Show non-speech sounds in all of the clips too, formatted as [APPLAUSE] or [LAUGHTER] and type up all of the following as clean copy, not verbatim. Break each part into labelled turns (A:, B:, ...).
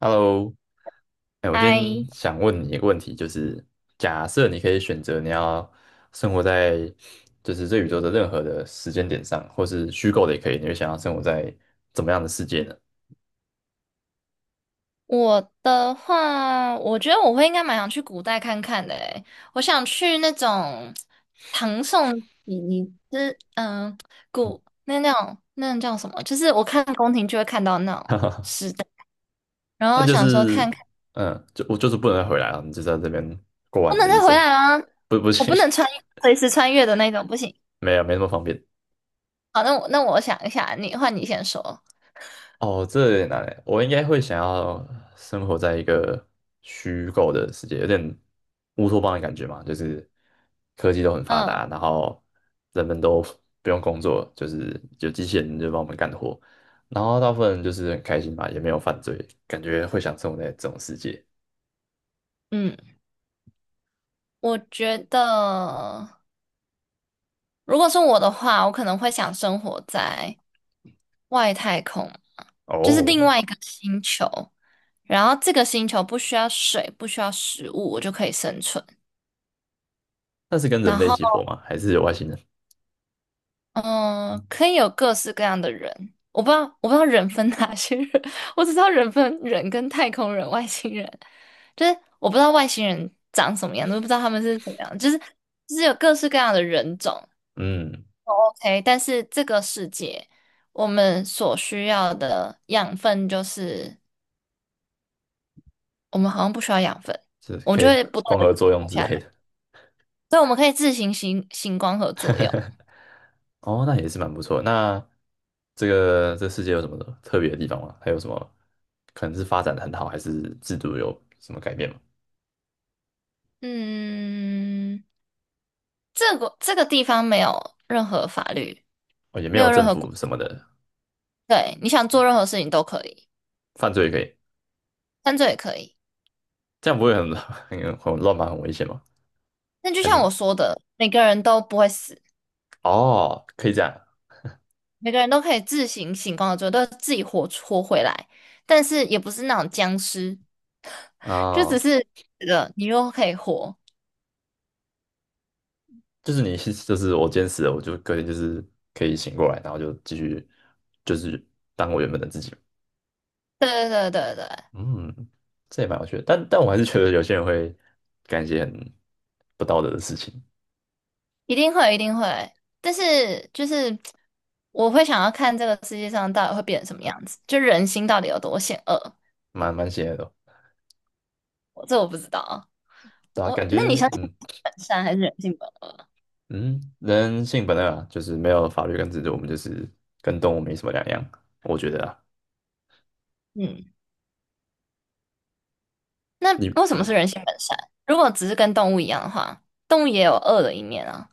A: Hello，哎，我今
B: 哎，
A: 天想问你一个问题，就是假设你可以选择你要生活在就是这宇宙的任何的时间点上，或是虚构的也可以，你会想要生活在怎么样的世界呢？
B: 我的话，我觉得我会应该蛮想去古代看看的诶。我想去那种唐宋以以之嗯古那种叫什么？就是我看宫廷就会看到那种
A: [LAUGHS]
B: 时代，然
A: 但
B: 后
A: 就
B: 想说看
A: 是
B: 看
A: 嗯，就我就是不能再回来了，你就是在这边过
B: 不
A: 完你
B: 能
A: 的一
B: 再回
A: 生，
B: 来啦，
A: 不不
B: 我
A: 行，
B: 不能
A: [LAUGHS]
B: 随时穿越的那种，不行。
A: 没有没那么方便。
B: 好，那我想一下，你换你先说。
A: 哦，这有点难诶，我应该会想要生活在一个虚构的世界，有点乌托邦的感觉嘛，就是科技都很发
B: 嗯
A: 达，然后人们都不用工作，就是有机器人就帮我们干活，然后大部分人就是很开心嘛，也没有犯罪，感觉会想生活在这种世界。
B: 嗯，我觉得。如果是我的话，我可能会想生活在外太空，就是
A: 哦，
B: 另外一个星球。然后这个星球不需要水，不需要食物，我就可以生存。
A: 那是跟人
B: 然
A: 类一
B: 后，
A: 起活吗？还是有外星人？
B: 嗯，可以有各式各样的人。我不知道，我不知道人分哪些人，[LAUGHS] 我只知道人分人跟太空人、外星人。就是我不知道外星人长什么样子，我不知道他们是怎么样，就是有各式各样的人种。
A: 嗯，
B: 哎，但是这个世界，我们所需要的养分就是，我们好像不需要养分，
A: 是
B: 我们
A: 可
B: 就
A: 以
B: 会不断
A: 光
B: 的
A: 合作用之
B: 下
A: 类
B: 来，
A: 的。
B: 所以我们可以自行光合作用。
A: 哦，那也是蛮不错的那这个这世界有什么特别的地方吗？还有什么可能是发展的很好，还是制度有什么改变吗？
B: 嗯，这个这个地方没有任何法律，
A: 哦，也没
B: 没
A: 有
B: 有任
A: 政
B: 何规
A: 府什
B: 定。
A: 么的，
B: 对，你想做任何事情都可以，
A: 犯罪也可以，
B: 犯罪也可以。
A: 这样不会很 [LAUGHS] 很很乱吗？很危险吗？
B: 但就
A: 还
B: 像
A: 是
B: 我说的，每个人都不会死，
A: 哦，可以这样
B: 每个人都可以自行光合作用，都自己活回来，但是也不是那种僵尸。就只
A: 哦，
B: 是觉得你又可以活。
A: 就是你 [LAUGHS] 就是我坚持，死了我就可以就是可以醒过来，然后就继续就是当我原本的自己。
B: 对对对对对，
A: 嗯，这也蛮有趣的，但我还是觉得有些人会干一些很不道德的事情。
B: 一定会一定会。但是就是我会想要看这个世界上到底会变成什么样子，就人心到底有多险恶，
A: 蛮邪恶的哦
B: 我不知道。啊。
A: 对啊，感
B: 那你
A: 觉
B: 想
A: 嗯
B: 本善还是人性本恶？
A: 嗯，人性本恶啊，就是没有法律跟制度，我们就是跟动物没什么两样，我觉得啊，
B: 嗯，那
A: 你
B: 为什么
A: 嗯，
B: 是人性本善？如果只是跟动物一样的话，动物也有恶的一面啊。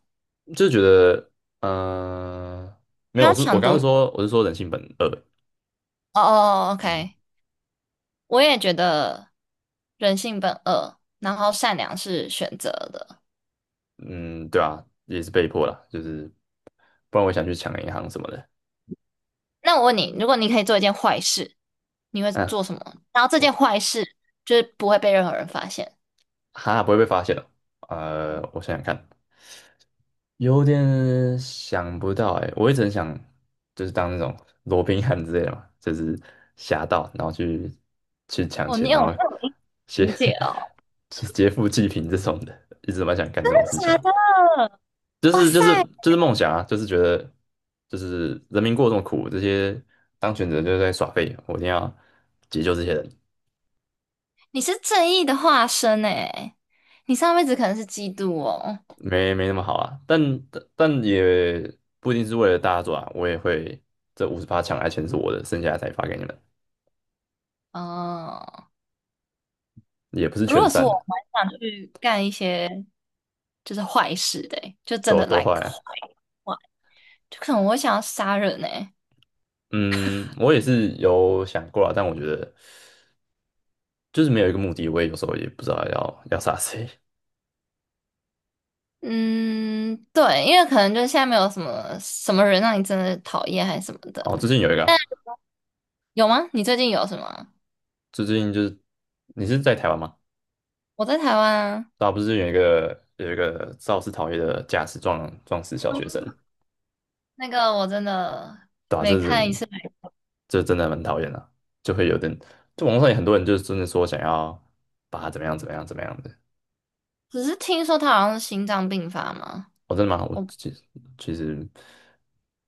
A: 就是觉得呃，没
B: 不
A: 有，我
B: 要
A: 是我刚刚
B: 夺。
A: 说我是说人性本恶，
B: 哦哦哦
A: 嗯
B: ，OK，我也觉得人性本恶，然后善良是选择的。
A: 嗯，对啊，也是被迫啦，就是不然我想去抢银行什么的，
B: 那我问你，如果你可以做一件坏事，你会
A: 嗯，
B: 做什么？然后这件
A: 我
B: 坏事就是不会被任何人发现。
A: 哈不会被发现哦，我想想看，有点想不到哎、我一直很想就是当那种 [LAUGHS] 罗宾汉之类的嘛，就是侠盗，然后去抢
B: 哦，
A: 钱，
B: 你有
A: 然后
B: 这种阴
A: 劫
B: 情节哦？
A: [LAUGHS] 去劫富济贫这种的，一直蛮想干这种事
B: 真
A: 情，
B: 的假的？
A: 就
B: 哇
A: 是就
B: 塞，
A: 是就是梦想啊，就是觉得就是人民过这么苦，这些当权者就是在耍废，我一定要解救这些人，
B: 你是正义的化身诶，你上辈子可能是基督哦。
A: 没没那么好啊，但也不一定是为了大家做啊，我也会这58抢来钱是我的，剩下的才发给你们。
B: 哦，
A: 也不是
B: 如
A: 全
B: 果是我，
A: 善
B: 我
A: 的，
B: 蛮想去干一些就是坏事的欸就真
A: 都
B: 的
A: 都坏
B: like 坏
A: 啊。
B: 坏，就可能我会想要杀人呢。
A: 嗯，我也是有想过啊，但我觉得就是没有一个目的，我也有时候也不知道要杀谁。
B: 嗯，对，因为可能就是现在没有什么什么人让你真的讨厌还是什么
A: 哦，
B: 的，
A: 最近有一个啊
B: 但有吗？你最近有什么啊？
A: 最近就是你是在台湾吗？
B: 我在台湾啊，
A: 对啊，不是有一个肇事逃逸的驾驶撞死小学生，
B: 那个我真的
A: 对吧？这
B: 每看一
A: 人
B: 次，
A: 这真的蛮讨厌的啊就会有点，就网络上有很多人就是真的说想要把他怎么样怎么样怎么样的，
B: 只是听说他好像是心脏病发嘛。
A: 哦，真的吗？我
B: 我
A: 其实其实，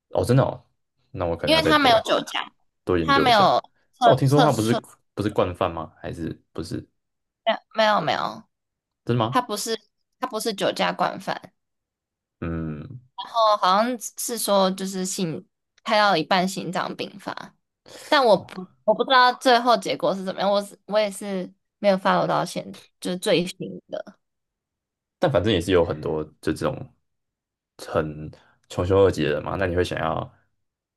A: 哦，真的哦，那我可能
B: 因
A: 要
B: 为
A: 再
B: 他没
A: 多
B: 有酒驾，
A: 多研
B: 他
A: 究
B: 没
A: 一下。
B: 有
A: 但
B: 测
A: 我听说
B: 测
A: 他不是
B: 出，
A: 不是惯犯吗？还是不是？
B: 没有没有，
A: 真的
B: 他
A: 吗？
B: 不是他不是酒驾惯犯，
A: 嗯，
B: 然后好像是说就是心开到一半心脏病发，但我
A: 哦，
B: 不我不知道最后结果是怎么样，我也是没有 follow 到现，就是最新的。
A: 但反正也是有很多就这种很穷凶恶极的人嘛。那你会想要，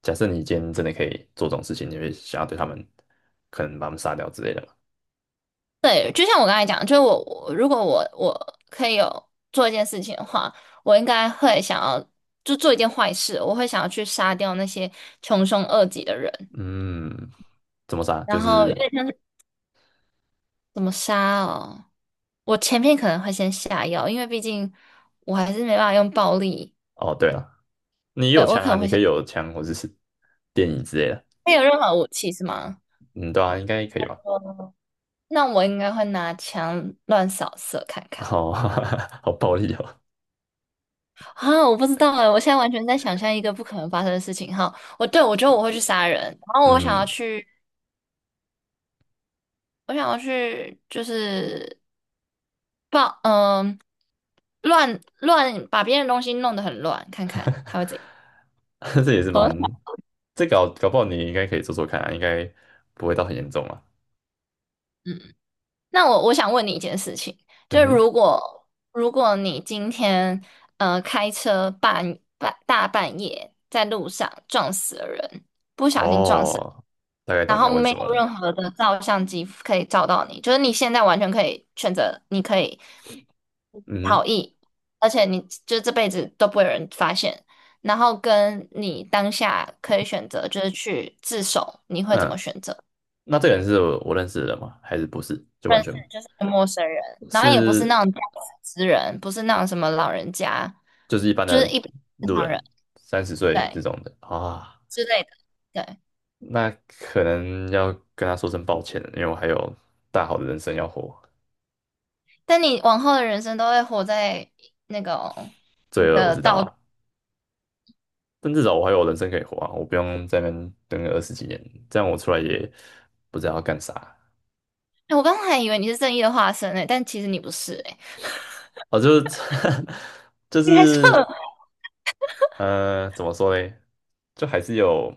A: 假设你今天真的可以做这种事情，你会想要对他们可能把他们杀掉之类的吗？
B: 对，就像我刚才讲，就是我如果我可以有做一件事情的话，我应该会想要就做一件坏事，我会想要去杀掉那些穷凶恶极的人，
A: 嗯，怎么杀？
B: 然
A: 就
B: 后有
A: 是
B: 点像是怎么杀哦，我前面可能会先下药，因为毕竟我还是没办法用暴力。
A: 哦，对了，你
B: 对，
A: 有
B: 我
A: 枪
B: 可
A: 啊，
B: 能会
A: 你可
B: 先，
A: 以有枪或者是电椅之类的。
B: 没有任何武器是吗？
A: 嗯，对啊，应该可以吧？
B: 那我应该会拿枪乱扫射看看。
A: 好，[LAUGHS] 好暴力哦。
B: 啊！我不知道哎，我现在完全在想象一个不可能发生的事情哈。我对我觉得我会去杀人，然后我想要
A: 嗯，
B: 去，我想要去就是报嗯、乱乱把别人的东西弄得很乱，看看他会怎样。
A: [LAUGHS] 这也是
B: 很好，
A: 蛮，这搞不好你应该可以做做看啊，应该不会到很严重啊。
B: 嗯，那我想问你一件事情，就
A: 嗯
B: 是
A: 哼，
B: 如果你今天开车大半夜在路上撞死了人，不小心撞死。
A: 哦，大概
B: 然
A: 懂你
B: 后
A: 要问
B: 没
A: 什么
B: 有
A: 了。
B: 任何的照相机可以照到你，就是你现在完全可以选择，你可以
A: 嗯
B: 逃
A: 哼，
B: 逸，而且你就这辈子都不会有人发现。然后跟你当下可以选择，就是去自首，你会怎么
A: 嗯，
B: 选择？
A: 那这个人是我认识的人吗？还是不是？就完
B: 认识
A: 全
B: 就是一个陌生人，然后也不是
A: 是
B: 那种驾驶之人，不是那种什么老人家，
A: 就是一般
B: 就是
A: 的
B: 一般正
A: 路
B: 常
A: 人，
B: 人，
A: 30岁这
B: 对
A: 种的啊，
B: 之类的，对。
A: 那可能要跟他说声抱歉了，因为我还有大好的人生要活。
B: 但你往后的人生都会活在那种你
A: 罪恶我
B: 的
A: 知道
B: 道。
A: 啊，但至少我还有人生可以活啊，我不用在那边等个20几年，这样我出来也不知道要干啥。
B: 我刚才还以为你是正义的化身诶，但其实你不是诶，
A: 哦，就是 [LAUGHS] 就
B: 你还说
A: 是怎么说嘞？就还是有，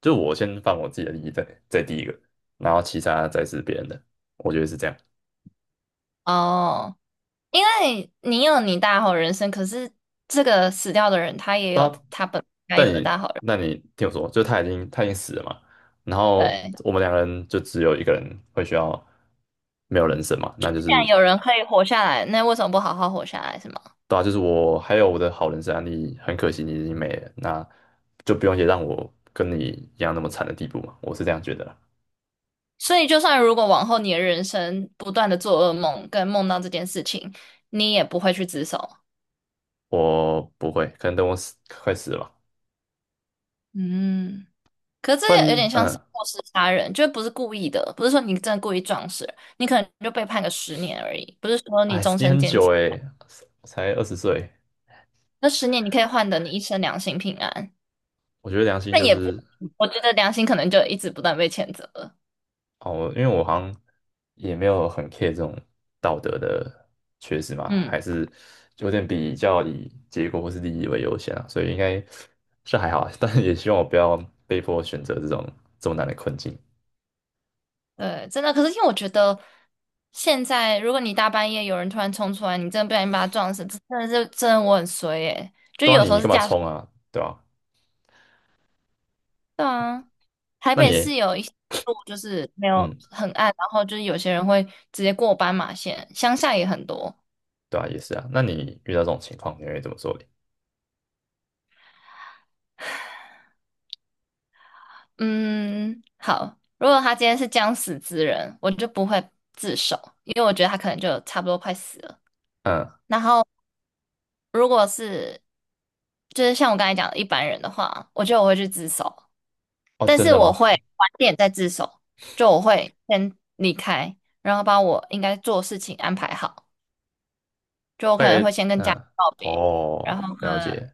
A: 就我先放我自己的利益在第一个，然后其他再是别人的，我觉得是这样。
B: [LAUGHS] 哦，因为你有你大好人生，可是这个死掉的人他也有
A: 那
B: 他本该
A: 但
B: 有的
A: 你
B: 大好人
A: 那
B: 生。
A: 你听我说，就他已经死了嘛，然后
B: 对，既
A: 我们两个人就只有一个人会需要没有人生嘛，那就是
B: 然有人可以活下来，那为什么不好好活下来，是吗？
A: 对啊，就是我还有我的好人生案例，很可惜你已经没了，那就不用也让我跟你一样那么惨的地步嘛，我是这样觉得啦。
B: 所以，就算如果往后你的人生不断的做噩梦，跟梦到这件事情，你也不会去自首。
A: 我不会，可能等我死快死了吧，
B: 嗯，可是这
A: 不
B: 也有点
A: 然
B: 像是
A: 嗯，
B: 过失杀人，就不是故意的，不是说你真的故意撞死人你可能就被判个十年而已，不是说你
A: 哎，
B: 终
A: 你
B: 身
A: 很
B: 监
A: 久
B: 禁。
A: 诶，才20岁，
B: 那十年你可以换得你一生良心平安，
A: 我觉得良心
B: 但
A: 就
B: 也不，
A: 是
B: 我觉得良心可能就一直不断被谴责了。
A: 哦，因为我好像也没有很 care 这种道德的缺失嘛，
B: 嗯，
A: 还是有点比较以结果或是利益为优先啊，所以应该是还好啊 [LAUGHS] 但是也希望我不要被迫选择这种这么难的困境。
B: 对，真的。可是因为我觉得现在，如果你大半夜有人突然冲出来，你真的不小心把他撞死，这真的是真的我很衰耶。就
A: 对啊，
B: 有时
A: 你
B: 候是
A: 干嘛
B: 驾驶，
A: 冲啊？对吧？
B: 对啊，台
A: 那
B: 北
A: 你，
B: 市有一些路就是没有
A: 嗯，
B: 很暗，然后就是有些人会直接过斑马线，乡下也很多。
A: 对啊，也是啊。那你遇到这种情况，你会怎么做你
B: 嗯，好。如果他今天是将死之人，我就不会自首，因为我觉得他可能就差不多快死了。
A: 嗯，
B: 然后，如果是就是像我刚才讲的一般人的话，我觉得我会去自首，
A: 哦，
B: 但
A: 真
B: 是
A: 的
B: 我
A: 吗？
B: 会晚点再自首，就我会先离开，然后把我应该做的事情安排好，就我
A: 大
B: 可
A: 概，
B: 能会先跟家人
A: 嗯，
B: 告别，然
A: 哦，
B: 后跟
A: 了解。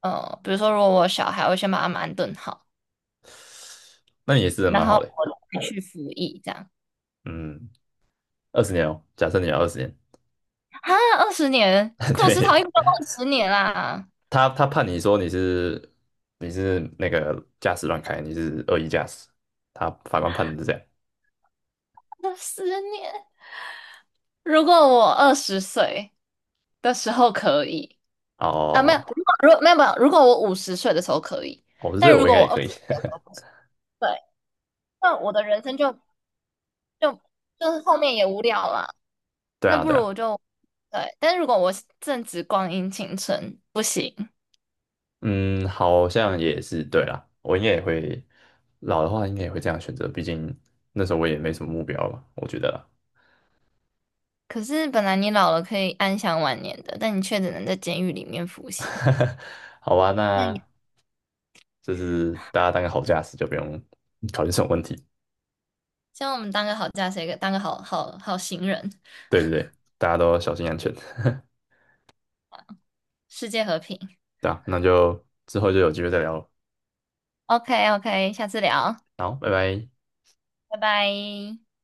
B: 呃，比如说如果我有小孩，我会先把他们安顿好，
A: 那你也是人
B: 然
A: 蛮
B: 后
A: 好的。
B: 我再去服役这样。
A: 嗯，二十年哦，假设你要二十年，
B: 啊，二十年，
A: [LAUGHS]
B: 库斯陶
A: 对，
B: 应都二十年啦，
A: 他他判你说你是你是那个驾驶乱开，你是恶意驾驶，他法官判的是这样。
B: 二十年。如果我二十岁的时候可以，啊，
A: 哦，
B: 没有，
A: 哦，
B: 如果没有，如果我50岁的时候可以，
A: 哦哦所以
B: 但
A: 我
B: 如
A: 应
B: 果
A: 该
B: 我
A: 也
B: 二
A: 可
B: 十
A: 以。
B: 岁的时候
A: [LAUGHS]
B: 不行，对，那我的人生就就是后面也无聊了。
A: 对
B: 那
A: 啊，
B: 不
A: 对
B: 如我
A: 啊。
B: 就对，但如果我正值光阴青春，不行。
A: 嗯，好像也是对啦，我应该也会老的话，应该也会这样选择，毕竟那时候我也没什么目标吧，我觉得啦。
B: 可是本来你老了可以安享晚年的，但你却只能在监狱里面服刑。
A: [LAUGHS] 好吧，
B: 那也
A: 那就是大家当个好驾驶，就不用考虑这种问题。
B: 希望我们当个好驾驶，一个当个好行人。
A: 对对对，大家都小心安全。
B: 世界和平。
A: [LAUGHS] 对啊，那就之后就有机会再聊了。
B: OK OK，下次聊，
A: 好，拜拜。
B: 拜拜。